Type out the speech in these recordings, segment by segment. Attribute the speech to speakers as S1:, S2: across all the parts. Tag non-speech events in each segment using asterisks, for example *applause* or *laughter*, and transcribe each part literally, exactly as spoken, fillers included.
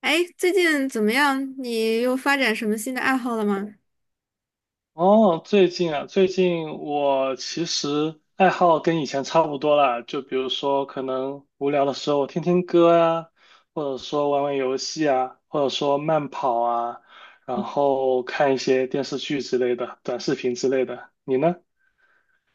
S1: 哎，最近怎么样？你又发展什么新的爱好了吗？
S2: 哦，最近啊，最近我其实爱好跟以前差不多啦，就比如说可能无聊的时候我听听歌啊，或者说玩玩游戏啊，或者说慢跑啊，然后看一些电视剧之类的，短视频之类的。你呢？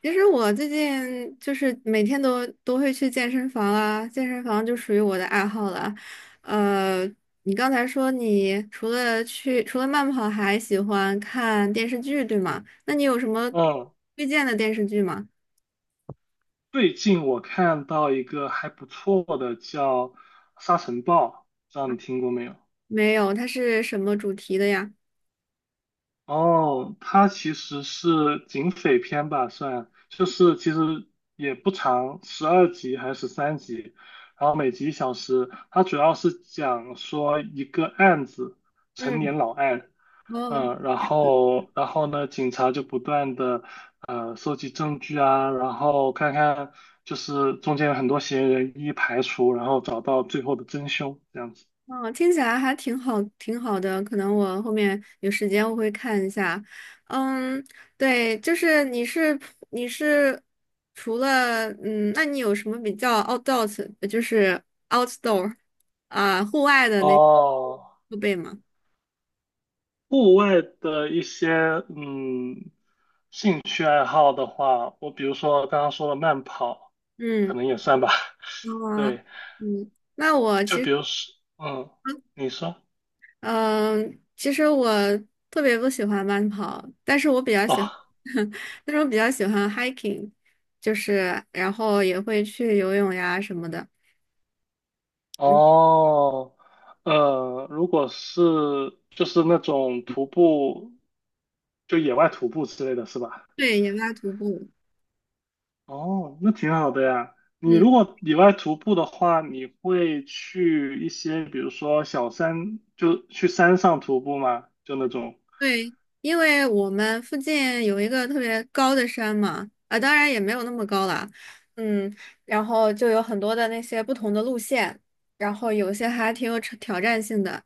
S1: 其实我最近就是每天都都会去健身房啊，健身房就属于我的爱好了。呃，你刚才说你除了去除了慢跑，还喜欢看电视剧，对吗？那你有什么
S2: 嗯，
S1: 推荐的电视剧吗？
S2: 最近我看到一个还不错的叫《沙尘暴》，不知道你听过没有？
S1: 没有，它是什么主题的呀？
S2: 哦，它其实是警匪片吧，算，就是其实也不长，十二集还是十三集，然后每集一小时。它主要是讲说一个案子，陈
S1: 嗯。
S2: 年老案，嗯，然后然后呢，警察就不断的呃收集证据啊，然后看看就是中间有很多嫌疑人一一排除，然后找到最后的真凶，这样子。
S1: 嗯，听起来还挺好，挺好的。可能我后面有时间我会看一下。嗯，对，就是你是你是除了嗯，那你有什么比较 outdoor，呃就是 outdoor 啊、户外的那
S2: 哦，
S1: 设备吗？
S2: 户外的一些嗯兴趣爱好的话，我比如说刚刚说的慢跑，可
S1: 嗯，
S2: 能也算吧。*laughs*
S1: 啊，
S2: 对，
S1: 嗯，那我
S2: 就
S1: 其
S2: 比
S1: 实。
S2: 如说，嗯，你说，
S1: 嗯，其实我特别不喜欢慢跑，但是我比较喜欢，
S2: 哦
S1: *laughs* 但是我比较喜欢 hiking，就是然后也会去游泳呀什么的。嗯，
S2: 哦，呃，如果是就是那种徒步，就野外徒步之类的是吧？
S1: 对，野拉徒步。
S2: 哦，那挺好的呀。你
S1: 嗯，
S2: 如果野外徒步的话，你会去一些，比如说小山，就去山上徒步吗？就那种。
S1: 对，因为我们附近有一个特别高的山嘛，啊，当然也没有那么高啦。嗯，然后就有很多的那些不同的路线，然后有些还挺有挑挑战性的。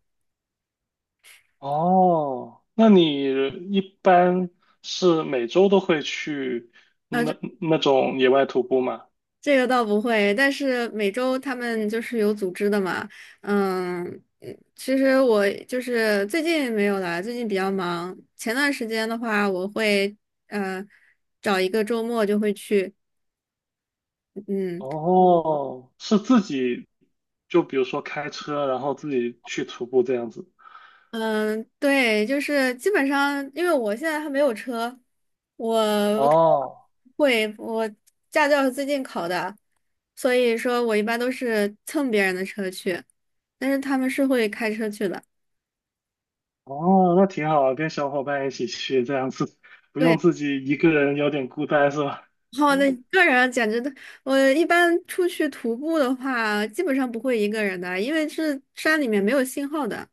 S2: 哦，那你一般是每周都会去那
S1: 那
S2: 那种野外徒步吗？
S1: 这个倒不会，但是每周他们就是有组织的嘛，嗯，嗯其实我就是最近没有啦，最近比较忙。前段时间的话，我会呃找一个周末就会去，嗯
S2: 哦，是自己，就比如说开车，然后自己去徒步这样子。
S1: 嗯，对，就是基本上，因为我现在还没有车，我我
S2: 哦，
S1: 会我驾照是最近考的，所以说我一般都是蹭别人的车去，但是他们是会开车去的。
S2: 哦，那挺好，跟小伙伴一起去，这样子不用
S1: 对。
S2: 自己一个人有点孤单是吧？
S1: 好的，那一个人啊简直的，我一般出去徒步的话，基本上不会一个人的，因为是山里面没有信号的。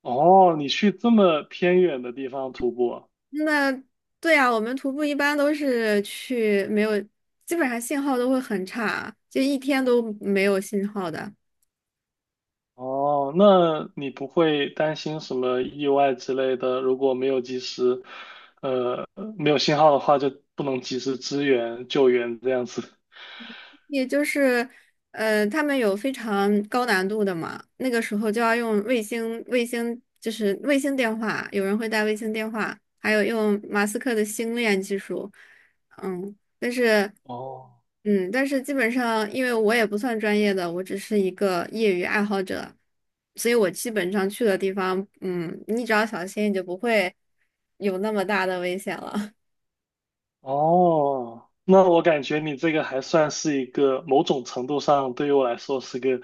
S2: 哦，你去这么偏远的地方徒步，
S1: 那对呀，我们徒步一般都是去没有，基本上信号都会很差，就一天都没有信号的。
S2: 哦，那你不会担心什么意外之类的？如果没有及时，没有信号的话，就不能及时支援救援这样子。
S1: 也就是，呃，他们有非常高难度的嘛，那个时候就要用卫星，卫星就是卫星电话，有人会带卫星电话，还有用马斯克的星链技术，嗯，但是，
S2: 哦
S1: 嗯，但是基本上，因为我也不算专业的，我只是一个业余爱好者，所以我基本上去的地方，嗯，你只要小心，你就不会有那么大的危险了。
S2: 哦，那我感觉你这个还算是一个某种程度上对于我来说是个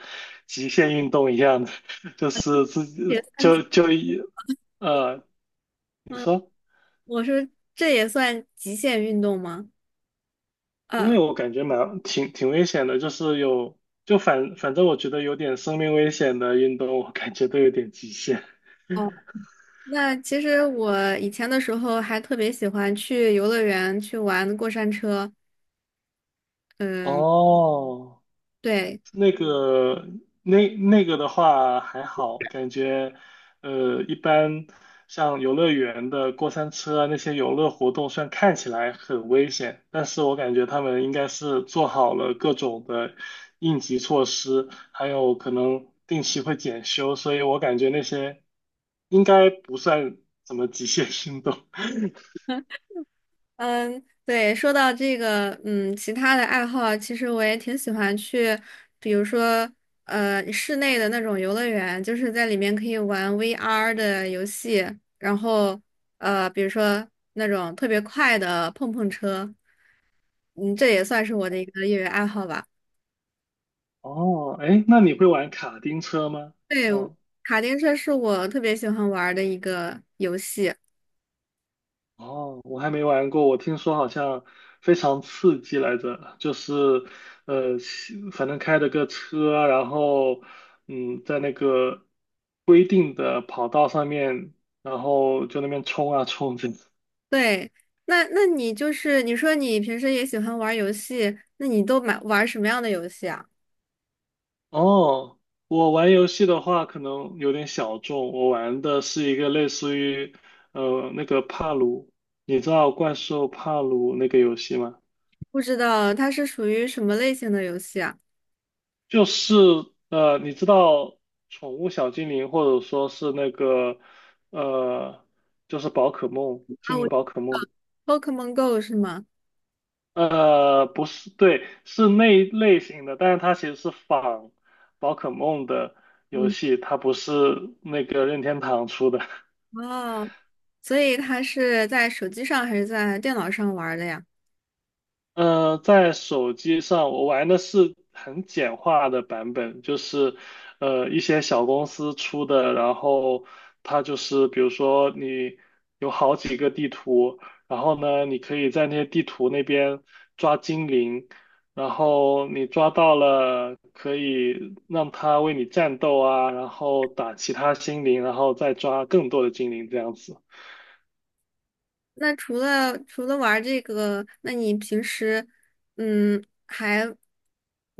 S2: 极限运动一样的，*laughs* 就是自己
S1: *laughs* 也算极，
S2: 就就一呃，你
S1: 嗯，
S2: 说，
S1: 我说这也算极限运动吗？
S2: 因
S1: 呃
S2: 为我感觉蛮挺挺危险的，就是有就反反正我觉得有点生命危险的运动，我感觉都有点极限。
S1: 哦，那其实我以前的时候还特别喜欢去游乐园去玩过山车。嗯，
S2: 哦，
S1: 对，
S2: 那个那那个的话还好，感觉呃一般，像游乐园的过山车啊那些游乐活动，虽然看起来很危险，但是我感觉他们应该是做好了各种的应急措施，还有可能定期会检修，所以我感觉那些应该不算什么极限运动。*laughs*
S1: 嗯，对，说到这个，嗯，其他的爱好，其实我也挺喜欢去，比如说，呃，室内的那种游乐园，就是在里面可以玩 V R 的游戏，然后，呃，比如说那种特别快的碰碰车，嗯，这也算是我的一个业余爱好吧。
S2: 哦，哎，那你会玩卡丁车吗？
S1: 对，
S2: 像
S1: 卡丁车是我特别喜欢玩儿的一个游戏。
S2: 哦，我还没玩过，我听说好像非常刺激来着，就是呃，西反正开着个车啊，然后嗯，在那个规定的跑道上面，然后就那边冲啊冲这样
S1: 对，那那你就是你说你平时也喜欢玩儿游戏，那你都买玩儿什么样的游戏啊？
S2: 哦，我玩游戏的话可能有点小众，我玩的是一个类似于呃那个帕鲁，你知道怪兽帕鲁那个游戏吗？
S1: 不知道它是属于什么类型的游戏啊？
S2: 就是呃，你知道宠物小精灵，或者说是那个呃，就是宝可梦，
S1: 啊，
S2: 精
S1: 我
S2: 灵宝可梦，
S1: Pokemon Go 是吗？
S2: 呃，不是，对，是那一类型的，但是它其实是仿宝可梦的游
S1: 嗯，
S2: 戏，它不是那个任天堂出的。
S1: 哦，所以它是在手机上还是在电脑上玩儿的呀？
S2: 呃，在手机上我玩的是很简化的版本，就是呃一些小公司出的，然后它就是比如说你有好几个地图，然后呢你可以在那些地图那边抓精灵，然后你抓到了可以让它为你战斗啊，然后打其他精灵，然后再抓更多的精灵这样子。
S1: 那除了除了玩儿这个，那你平时嗯还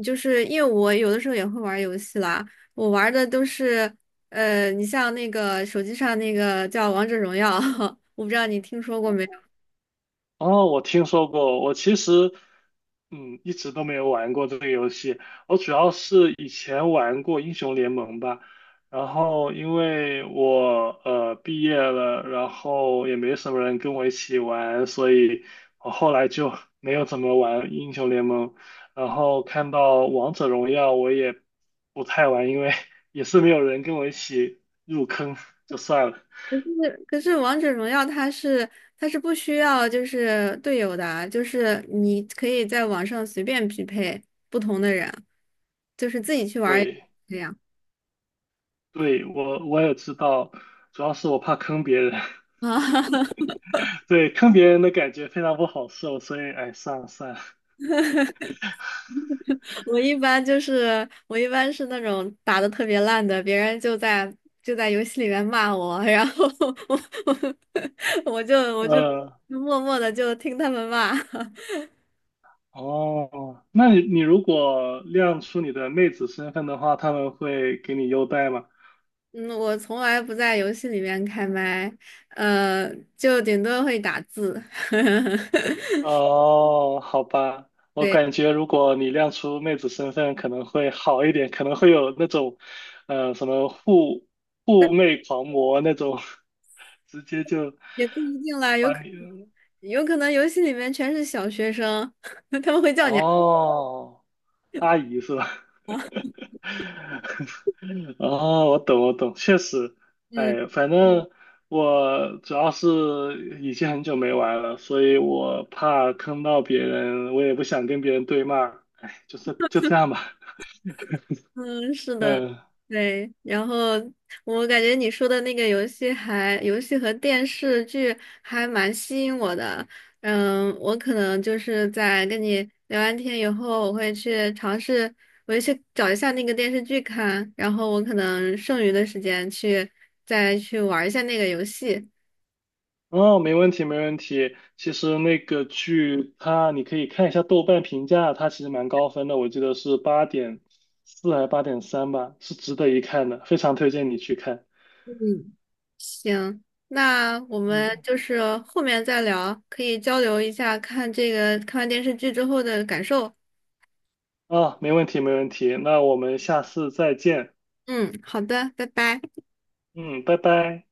S1: 就是因为我有的时候也会玩儿游戏啦，我玩儿的都是呃，你像那个手机上那个叫《王者荣耀》，*laughs* 我不知道你听说过没有？
S2: 哦，我听说过，我其实，嗯，一直都没有玩过这个游戏。我主要是以前玩过英雄联盟吧，然后因为我呃毕业了，然后也没什么人跟我一起玩，所以我后来就 *laughs* 没有怎么玩英雄联盟。然后看到王者荣耀，我也不太玩，因为 *laughs* 也是没有人跟我一起入坑，就算了。
S1: 可是可是《王者荣耀》它是它是不需要就是队友的啊就是你可以在网上随便匹配不同的人，就是自己去玩儿也
S2: 对。
S1: 这样
S2: 对，我我也知道，主要是我怕坑别人，
S1: 啊。*laughs*
S2: *laughs* 对，坑别人的感觉非常不好受，所以哎，算了算了，
S1: 我一般就是我一般是那种打的特别烂的，别人就在就在游戏里面骂我，然后 *laughs* 我我我就我就
S2: 呃，
S1: 默默的就听他们骂。*laughs*
S2: 哦，那你你如果亮出你的妹子身份的话，他们会给你优待吗？
S1: 嗯，我从来不在游戏里面开麦，呃，就顶多会打字。*laughs*
S2: 哦，好吧，我
S1: 对，
S2: 感觉如果你亮出妹子身份可能会好一点，可能会有那种，呃，什么护护妹狂魔那种，*laughs* 直接就
S1: 也不一定啦，有
S2: 把
S1: 可
S2: 你，
S1: 有可能游戏里面全是小学生，*laughs* 他们会叫你啊
S2: 哦。阿姨是吧？*laughs* 哦，我懂，我懂，确实，
S1: 嗯。
S2: 哎，反嗯正我主要是已经很久没玩了，所以我怕坑到别人，我也不想跟别人对骂，哎，就是就这样吧，
S1: 嗯，是的，
S2: 嗯，
S1: 对。然后我感觉你说的那个游戏还，游戏和电视剧还蛮吸引我的。嗯，我可能就是在跟你聊完天以后，我会去尝试，我会去找一下那个电视剧看，然后我可能剩余的时间去再去玩一下那个游戏。
S2: 哦，没问题，没问题。其实那个剧它，你可以看一下豆瓣评价，它其实蛮高分的，我记得是八点四还是八点三吧，是值得一看的，非常推荐你去看。
S1: 嗯，行，那我们
S2: 嗯。
S1: 就是后面再聊，可以交流一下看这个看完电视剧之后的感受。
S2: 啊，没问题，没问题。那我们下次再见。
S1: 嗯，好的，拜拜。
S2: 嗯，拜拜。